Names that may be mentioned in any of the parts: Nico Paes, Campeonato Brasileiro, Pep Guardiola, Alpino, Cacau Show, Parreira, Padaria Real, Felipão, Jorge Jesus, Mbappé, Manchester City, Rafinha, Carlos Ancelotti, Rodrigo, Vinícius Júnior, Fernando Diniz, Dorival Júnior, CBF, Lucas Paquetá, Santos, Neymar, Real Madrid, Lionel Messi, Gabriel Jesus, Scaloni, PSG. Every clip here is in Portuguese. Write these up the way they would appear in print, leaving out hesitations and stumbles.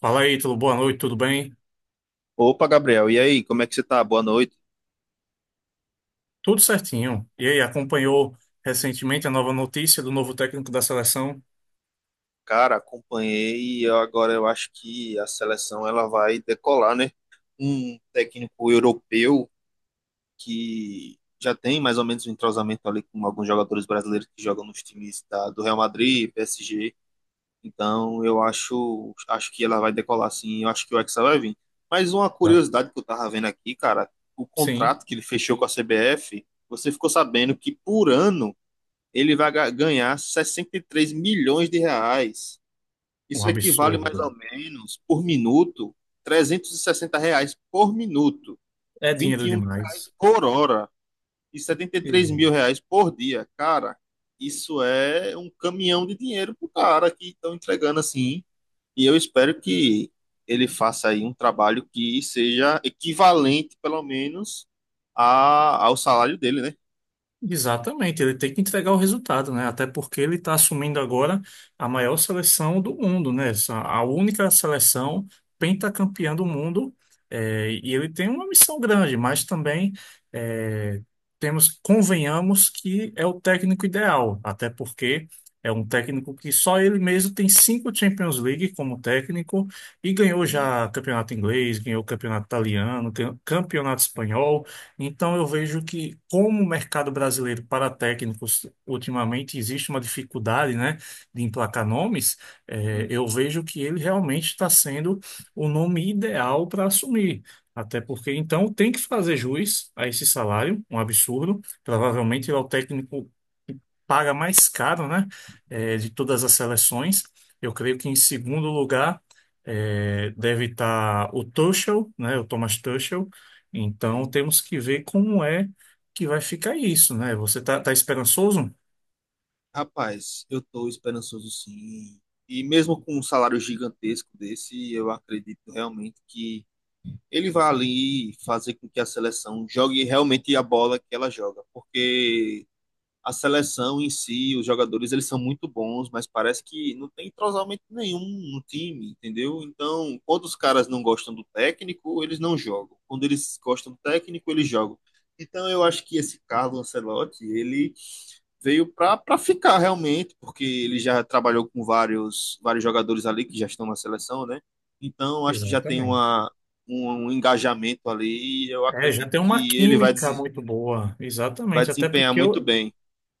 Fala aí, tudo boa noite, tudo bem? Opa, Gabriel, e aí, como é que você tá? Boa noite. Tudo certinho. E aí, acompanhou recentemente a nova notícia do novo técnico da seleção? Cara, acompanhei agora eu acho que a seleção ela vai decolar, né? Um técnico europeu que já tem mais ou menos um entrosamento ali com alguns jogadores brasileiros que jogam nos times do Real Madrid, PSG. Então, acho que ela vai decolar sim, eu acho que o Hexa vai vir. Mas uma Tá. curiosidade que eu tava vendo aqui, cara, o Sim, contrato que ele fechou com a CBF, você ficou sabendo que por ano ele vai ganhar 63 milhões de reais. um Isso equivale mais absurdo. ou menos, por minuto, 360 reais por minuto, É vinte dinheiro e um reais demais. por hora e 73 mil reais por dia. Cara, isso é um caminhão de dinheiro pro cara que estão entregando assim. E eu espero que ele faça aí um trabalho que seja equivalente, pelo menos, ao salário dele, né? Exatamente, ele tem que entregar o resultado, né? Até porque ele está assumindo agora a maior seleção do mundo, né? A única seleção pentacampeã do mundo, e ele tem uma missão grande, mas também é, temos, convenhamos que é o técnico ideal, até porque é um técnico que só ele mesmo tem 5 Champions League como técnico e ganhou Sim, já campeonato inglês, ganhou campeonato italiano, ganhou campeonato espanhol. Então, eu vejo que, como o mercado brasileiro para técnicos, ultimamente existe uma dificuldade, né, de emplacar nomes, sim, eu vejo que ele realmente está sendo o nome ideal para assumir. Até porque, então, tem que fazer jus a esse salário, um absurdo. Provavelmente ele é o técnico que paga mais caro, né, de todas as seleções. Eu creio que, em segundo lugar, deve estar o Tuchel, né, o Thomas Tuchel, então sim. temos que ver como é que vai ficar isso, né? Você tá esperançoso? Rapaz, eu tô esperançoso sim. E mesmo com um salário gigantesco desse, eu acredito realmente que ele vai ali fazer com que a seleção jogue realmente a bola que ela joga, porque a seleção em si, os jogadores, eles são muito bons, mas parece que não tem entrosamento nenhum no time, entendeu? Então, quando os caras não gostam do técnico, eles não jogam. Quando eles gostam do técnico, eles jogam. Então, eu acho que esse Carlo Ancelotti, ele veio para ficar realmente, porque ele já trabalhou com vários, vários jogadores ali que já estão na seleção, né? Então, acho que já tem Exatamente. Um engajamento ali e eu É, já acredito tem uma que ele vai, química muito boa, vai exatamente, até desempenhar porque muito eu, bem.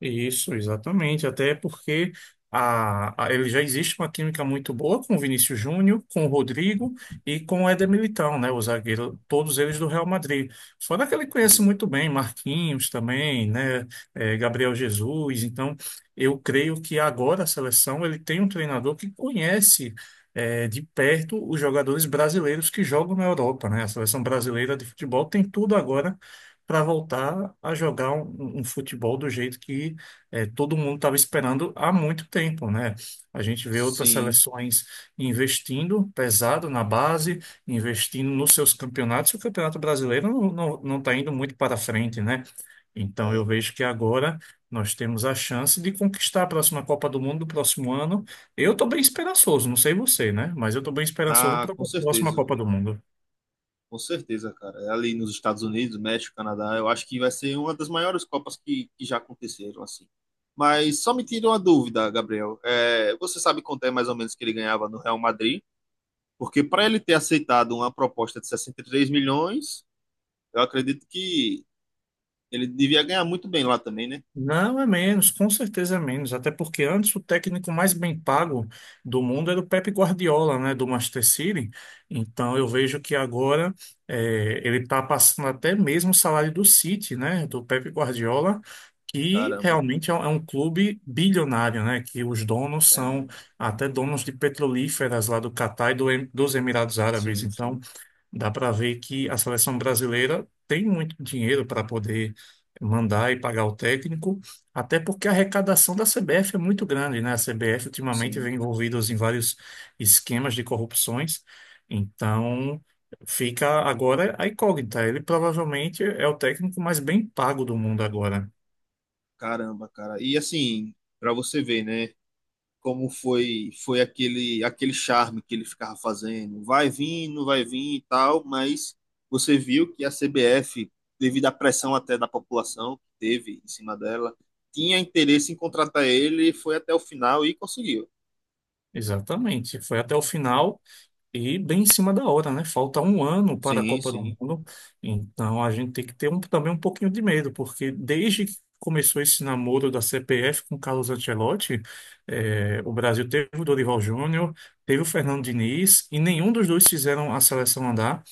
isso, exatamente. Até porque ele já existe uma química muito boa com o Vinícius Júnior, com o Rodrigo e com o Éder Militão, né? O zagueiro, todos eles do Real Madrid. Fora que ele conhece Sim. muito bem Marquinhos também, né? Gabriel Jesus. Então, eu creio que agora a seleção ele tem um treinador que conhece. De perto os jogadores brasileiros que jogam na Europa, né? A seleção brasileira de futebol tem tudo agora para voltar a jogar um futebol do jeito que todo mundo estava esperando há muito tempo, né? A gente vê outras Sim. seleções investindo pesado na base, investindo nos seus campeonatos, e o Campeonato Brasileiro não está indo muito para frente, né? Então eu vejo que agora nós temos a chance de conquistar a próxima Copa do Mundo do próximo ano. Eu estou bem esperançoso, não sei você, né? Mas eu estou bem esperançoso Ah, para a com próxima certeza. Copa do Mundo. Com certeza, cara. Ali nos Estados Unidos, México, Canadá, eu acho que vai ser uma das maiores Copas que já aconteceram, assim. Mas só me tira uma dúvida, Gabriel. É, você sabe quanto é mais ou menos que ele ganhava no Real Madrid? Porque para ele ter aceitado uma proposta de 63 milhões, eu acredito que ele devia ganhar muito bem lá também, né? Não, é menos, com certeza é menos, até porque antes o técnico mais bem pago do mundo era o Pep Guardiola, né, do Manchester City. Então eu vejo que agora ele está passando até mesmo o salário do City, né, do Pep Guardiola, que Caramba. realmente é um clube bilionário, né, que os donos são É, até donos de petrolíferas lá do Catar e dos Emirados Árabes. sim, Então sim, dá para ver que a seleção brasileira tem muito dinheiro para poder mandar e pagar o técnico, até porque a arrecadação da CBF é muito grande, né? A CBF ultimamente sim. vem envolvida em vários esquemas de corrupções, então fica agora a incógnita. Ele provavelmente é o técnico mais bem pago do mundo agora. Caramba, cara. E assim, para você ver, né? Como foi aquele charme que ele ficava fazendo. Vai vir, não vai vir e tal, mas você viu que a CBF, devido à pressão até da população que teve em cima dela, tinha interesse em contratar ele, foi até o final e conseguiu. Exatamente. Foi até o final. E bem em cima da hora, né? Falta um ano para a Sim, Copa do sim. Mundo, então a gente tem que ter também um pouquinho de medo, porque desde que começou esse namoro da CPF com Carlos Ancelotti, o Brasil teve o Dorival Júnior, teve o Fernando Diniz, e nenhum dos dois fizeram a seleção andar.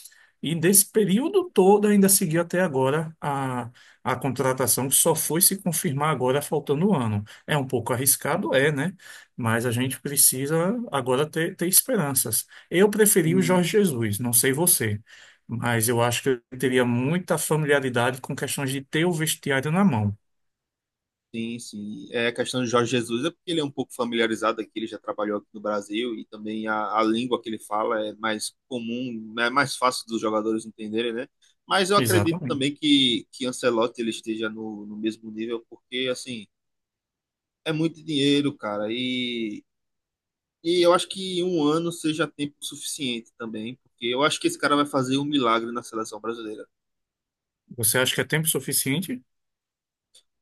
E desse período todo ainda seguiu até agora a contratação, que só foi se confirmar agora, faltando um ano. É um pouco arriscado, é, né? Mas a gente precisa agora ter esperanças. Eu preferi o Hum. Jorge Jesus, não sei você, mas eu acho que eu teria muita familiaridade com questões de ter o vestiário na mão. Sim, sim. É, a questão de Jorge Jesus é porque ele é um pouco familiarizado aqui, ele já trabalhou aqui no Brasil e também a língua que ele fala é mais comum, né, é mais fácil dos jogadores entenderem, né? Mas eu acredito Exatamente. também que Ancelotti ele esteja no mesmo nível, porque, assim, é muito dinheiro, cara, e eu acho que um ano seja tempo suficiente também, porque eu acho que esse cara vai fazer um milagre na seleção brasileira. Você acha que é tempo suficiente?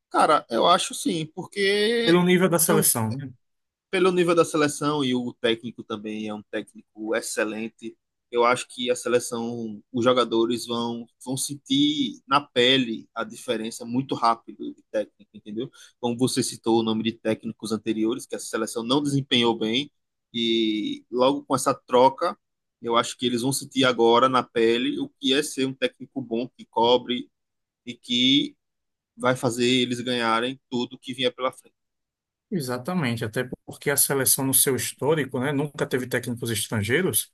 Cara, eu acho sim, porque. Pelo nível da É um, seleção, né? pelo nível da seleção e o técnico também é um técnico excelente, eu acho que a seleção, os jogadores vão sentir na pele a diferença muito rápido de técnico, entendeu? Como você citou o nome de técnicos anteriores, que a seleção não desempenhou bem, e logo com essa troca, eu acho que eles vão sentir agora na pele o que é ser um técnico bom, que cobre e que vai fazer eles ganharem tudo que vier pela frente. Exatamente, até porque a seleção no seu histórico, né, nunca teve técnicos estrangeiros,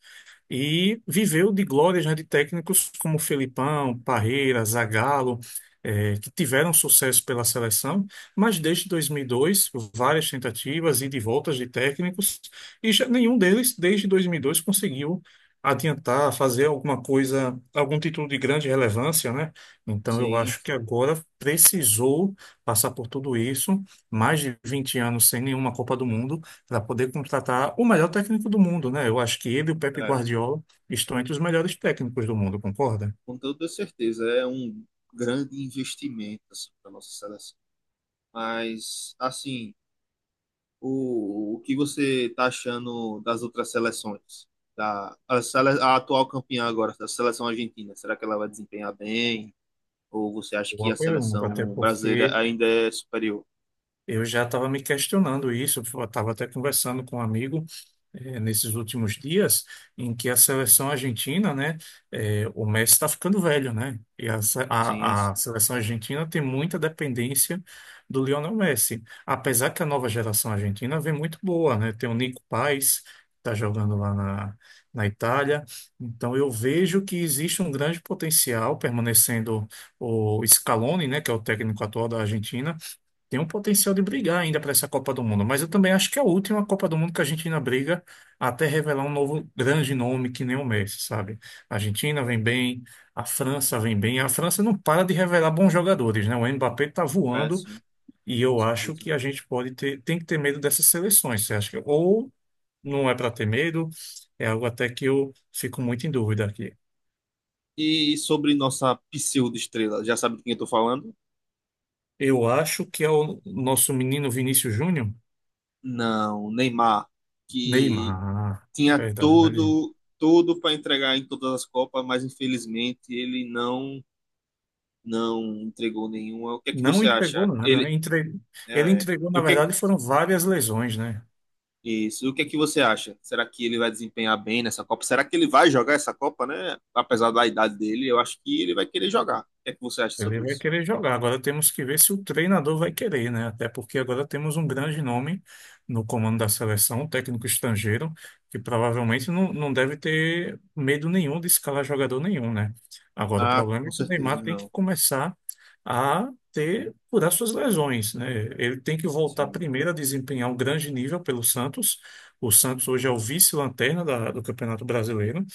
e viveu de glórias, né, de técnicos como Felipão, Parreira, Zagallo, que tiveram sucesso pela seleção, mas desde 2002, várias tentativas e de voltas de técnicos, e já nenhum deles, desde 2002, conseguiu adiantar, fazer alguma coisa, algum título de grande relevância, né? Então eu Sim, acho que agora precisou passar por tudo isso, mais de 20 anos sem nenhuma Copa do Mundo, para poder contratar o melhor técnico do mundo, né? Eu acho que ele e o Pepe é. Guardiola estão entre os melhores técnicos do mundo, concorda? Com toda certeza, é um grande investimento assim, para nossa seleção. Mas, assim, o que você está achando das outras seleções? A atual campeã agora, da seleção argentina, será que ela vai desempenhar bem? Ou você acha que a Boa pergunta, até seleção brasileira porque ainda é superior? eu já estava me questionando isso, eu estava até conversando com um amigo nesses últimos dias, em que a seleção argentina, né, o Messi está ficando velho, né? E a, se- Sim, a sim, seleção argentina tem muita dependência do Lionel Messi, apesar que a nova geração argentina vem muito boa, né? Tem o Nico Paes, que está jogando lá na Itália, então eu vejo que existe um grande potencial permanecendo o Scaloni, né, que é o técnico atual da Argentina, tem um potencial de sim. brigar ainda para essa Copa do Mundo, mas eu também acho que é a última Copa do Mundo que a Argentina briga até revelar um novo grande nome que nem o Messi, sabe? A Argentina É, vem bem, a França vem bem, a França não para de revelar bons jogadores, né? O Mbappé tá é, voando sim, e com eu acho certeza. que a gente pode tem que ter medo dessas seleções, você acha que ou não é para ter medo, é algo até que eu fico muito em dúvida aqui. E sobre nossa pseudo-estrela, já sabe de quem eu tô falando? Eu acho que é o nosso menino Vinícius Júnior, Não, Neymar, que Neymar, tinha verdade. tudo para entregar em todas as Copas, mas infelizmente ele não entregou nenhuma. O que é que Não você entregou acha? nada, né? Ele Ele é, entregou, e na o que é- verdade, foram várias lesões, né? Isso, o que é que você acha? Será que ele vai desempenhar bem nessa Copa? Será que ele vai jogar essa Copa, né? Apesar da idade dele, eu acho que ele vai querer jogar. O que é que você acha Ele sobre vai isso? querer jogar. Agora temos que ver se o treinador vai querer, né? Até porque agora temos um grande nome no comando da seleção, um técnico estrangeiro, que provavelmente não deve ter medo nenhum de escalar jogador nenhum, né? Agora o Ah, problema com é que o certeza, Neymar tem que não. começar a ter curar suas lesões, né? Ele tem que voltar Sim, primeiro a desempenhar um grande nível pelo Santos. O Santos hoje é o vice-lanterna do Campeonato Brasileiro.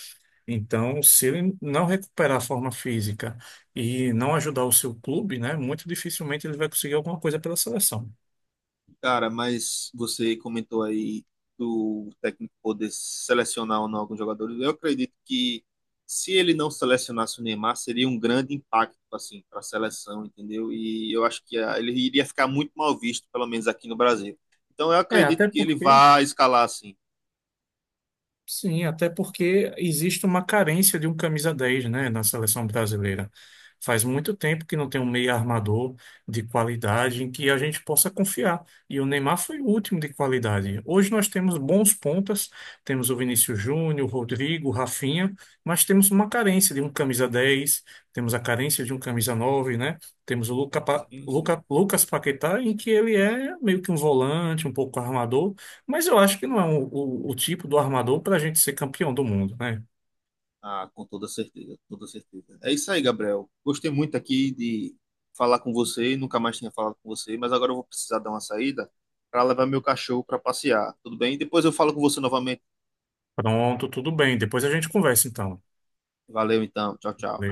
Então, se ele não recuperar a forma física e não ajudar o seu clube, né, muito dificilmente ele vai conseguir alguma coisa pela seleção. cara, mas você comentou aí do técnico poder selecionar ou não alguns jogadores. Eu acredito que se ele não selecionasse o Neymar, seria um grande impacto assim para a seleção, entendeu? E eu acho que ah, ele iria ficar muito mal visto, pelo menos aqui no Brasil. Então eu É, acredito até que ele porque vai escalar assim. sim, até porque existe uma carência de um camisa 10 né, na seleção brasileira. Faz muito tempo que não tem um meio armador de qualidade em que a gente possa confiar. E o Neymar foi o último de qualidade. Hoje nós temos bons pontas, temos o Vinícius Júnior, o Rodrigo, o Rafinha, mas temos uma carência de um camisa dez, temos a carência de um camisa 9 né? Temos o Luca, Sim, sim. Lucas Paquetá, em que ele é meio que um volante, um pouco armador, mas eu acho que não é o tipo do armador para a gente ser campeão do mundo, né? Ah, com toda certeza, com toda certeza. É isso aí, Gabriel. Gostei muito aqui de falar com você, nunca mais tinha falado com você, mas agora eu vou precisar dar uma saída para levar meu cachorro para passear. Tudo bem? Depois eu falo com você novamente. Pronto, tudo bem. Depois a gente conversa então. Valeu então. Tchau, tchau.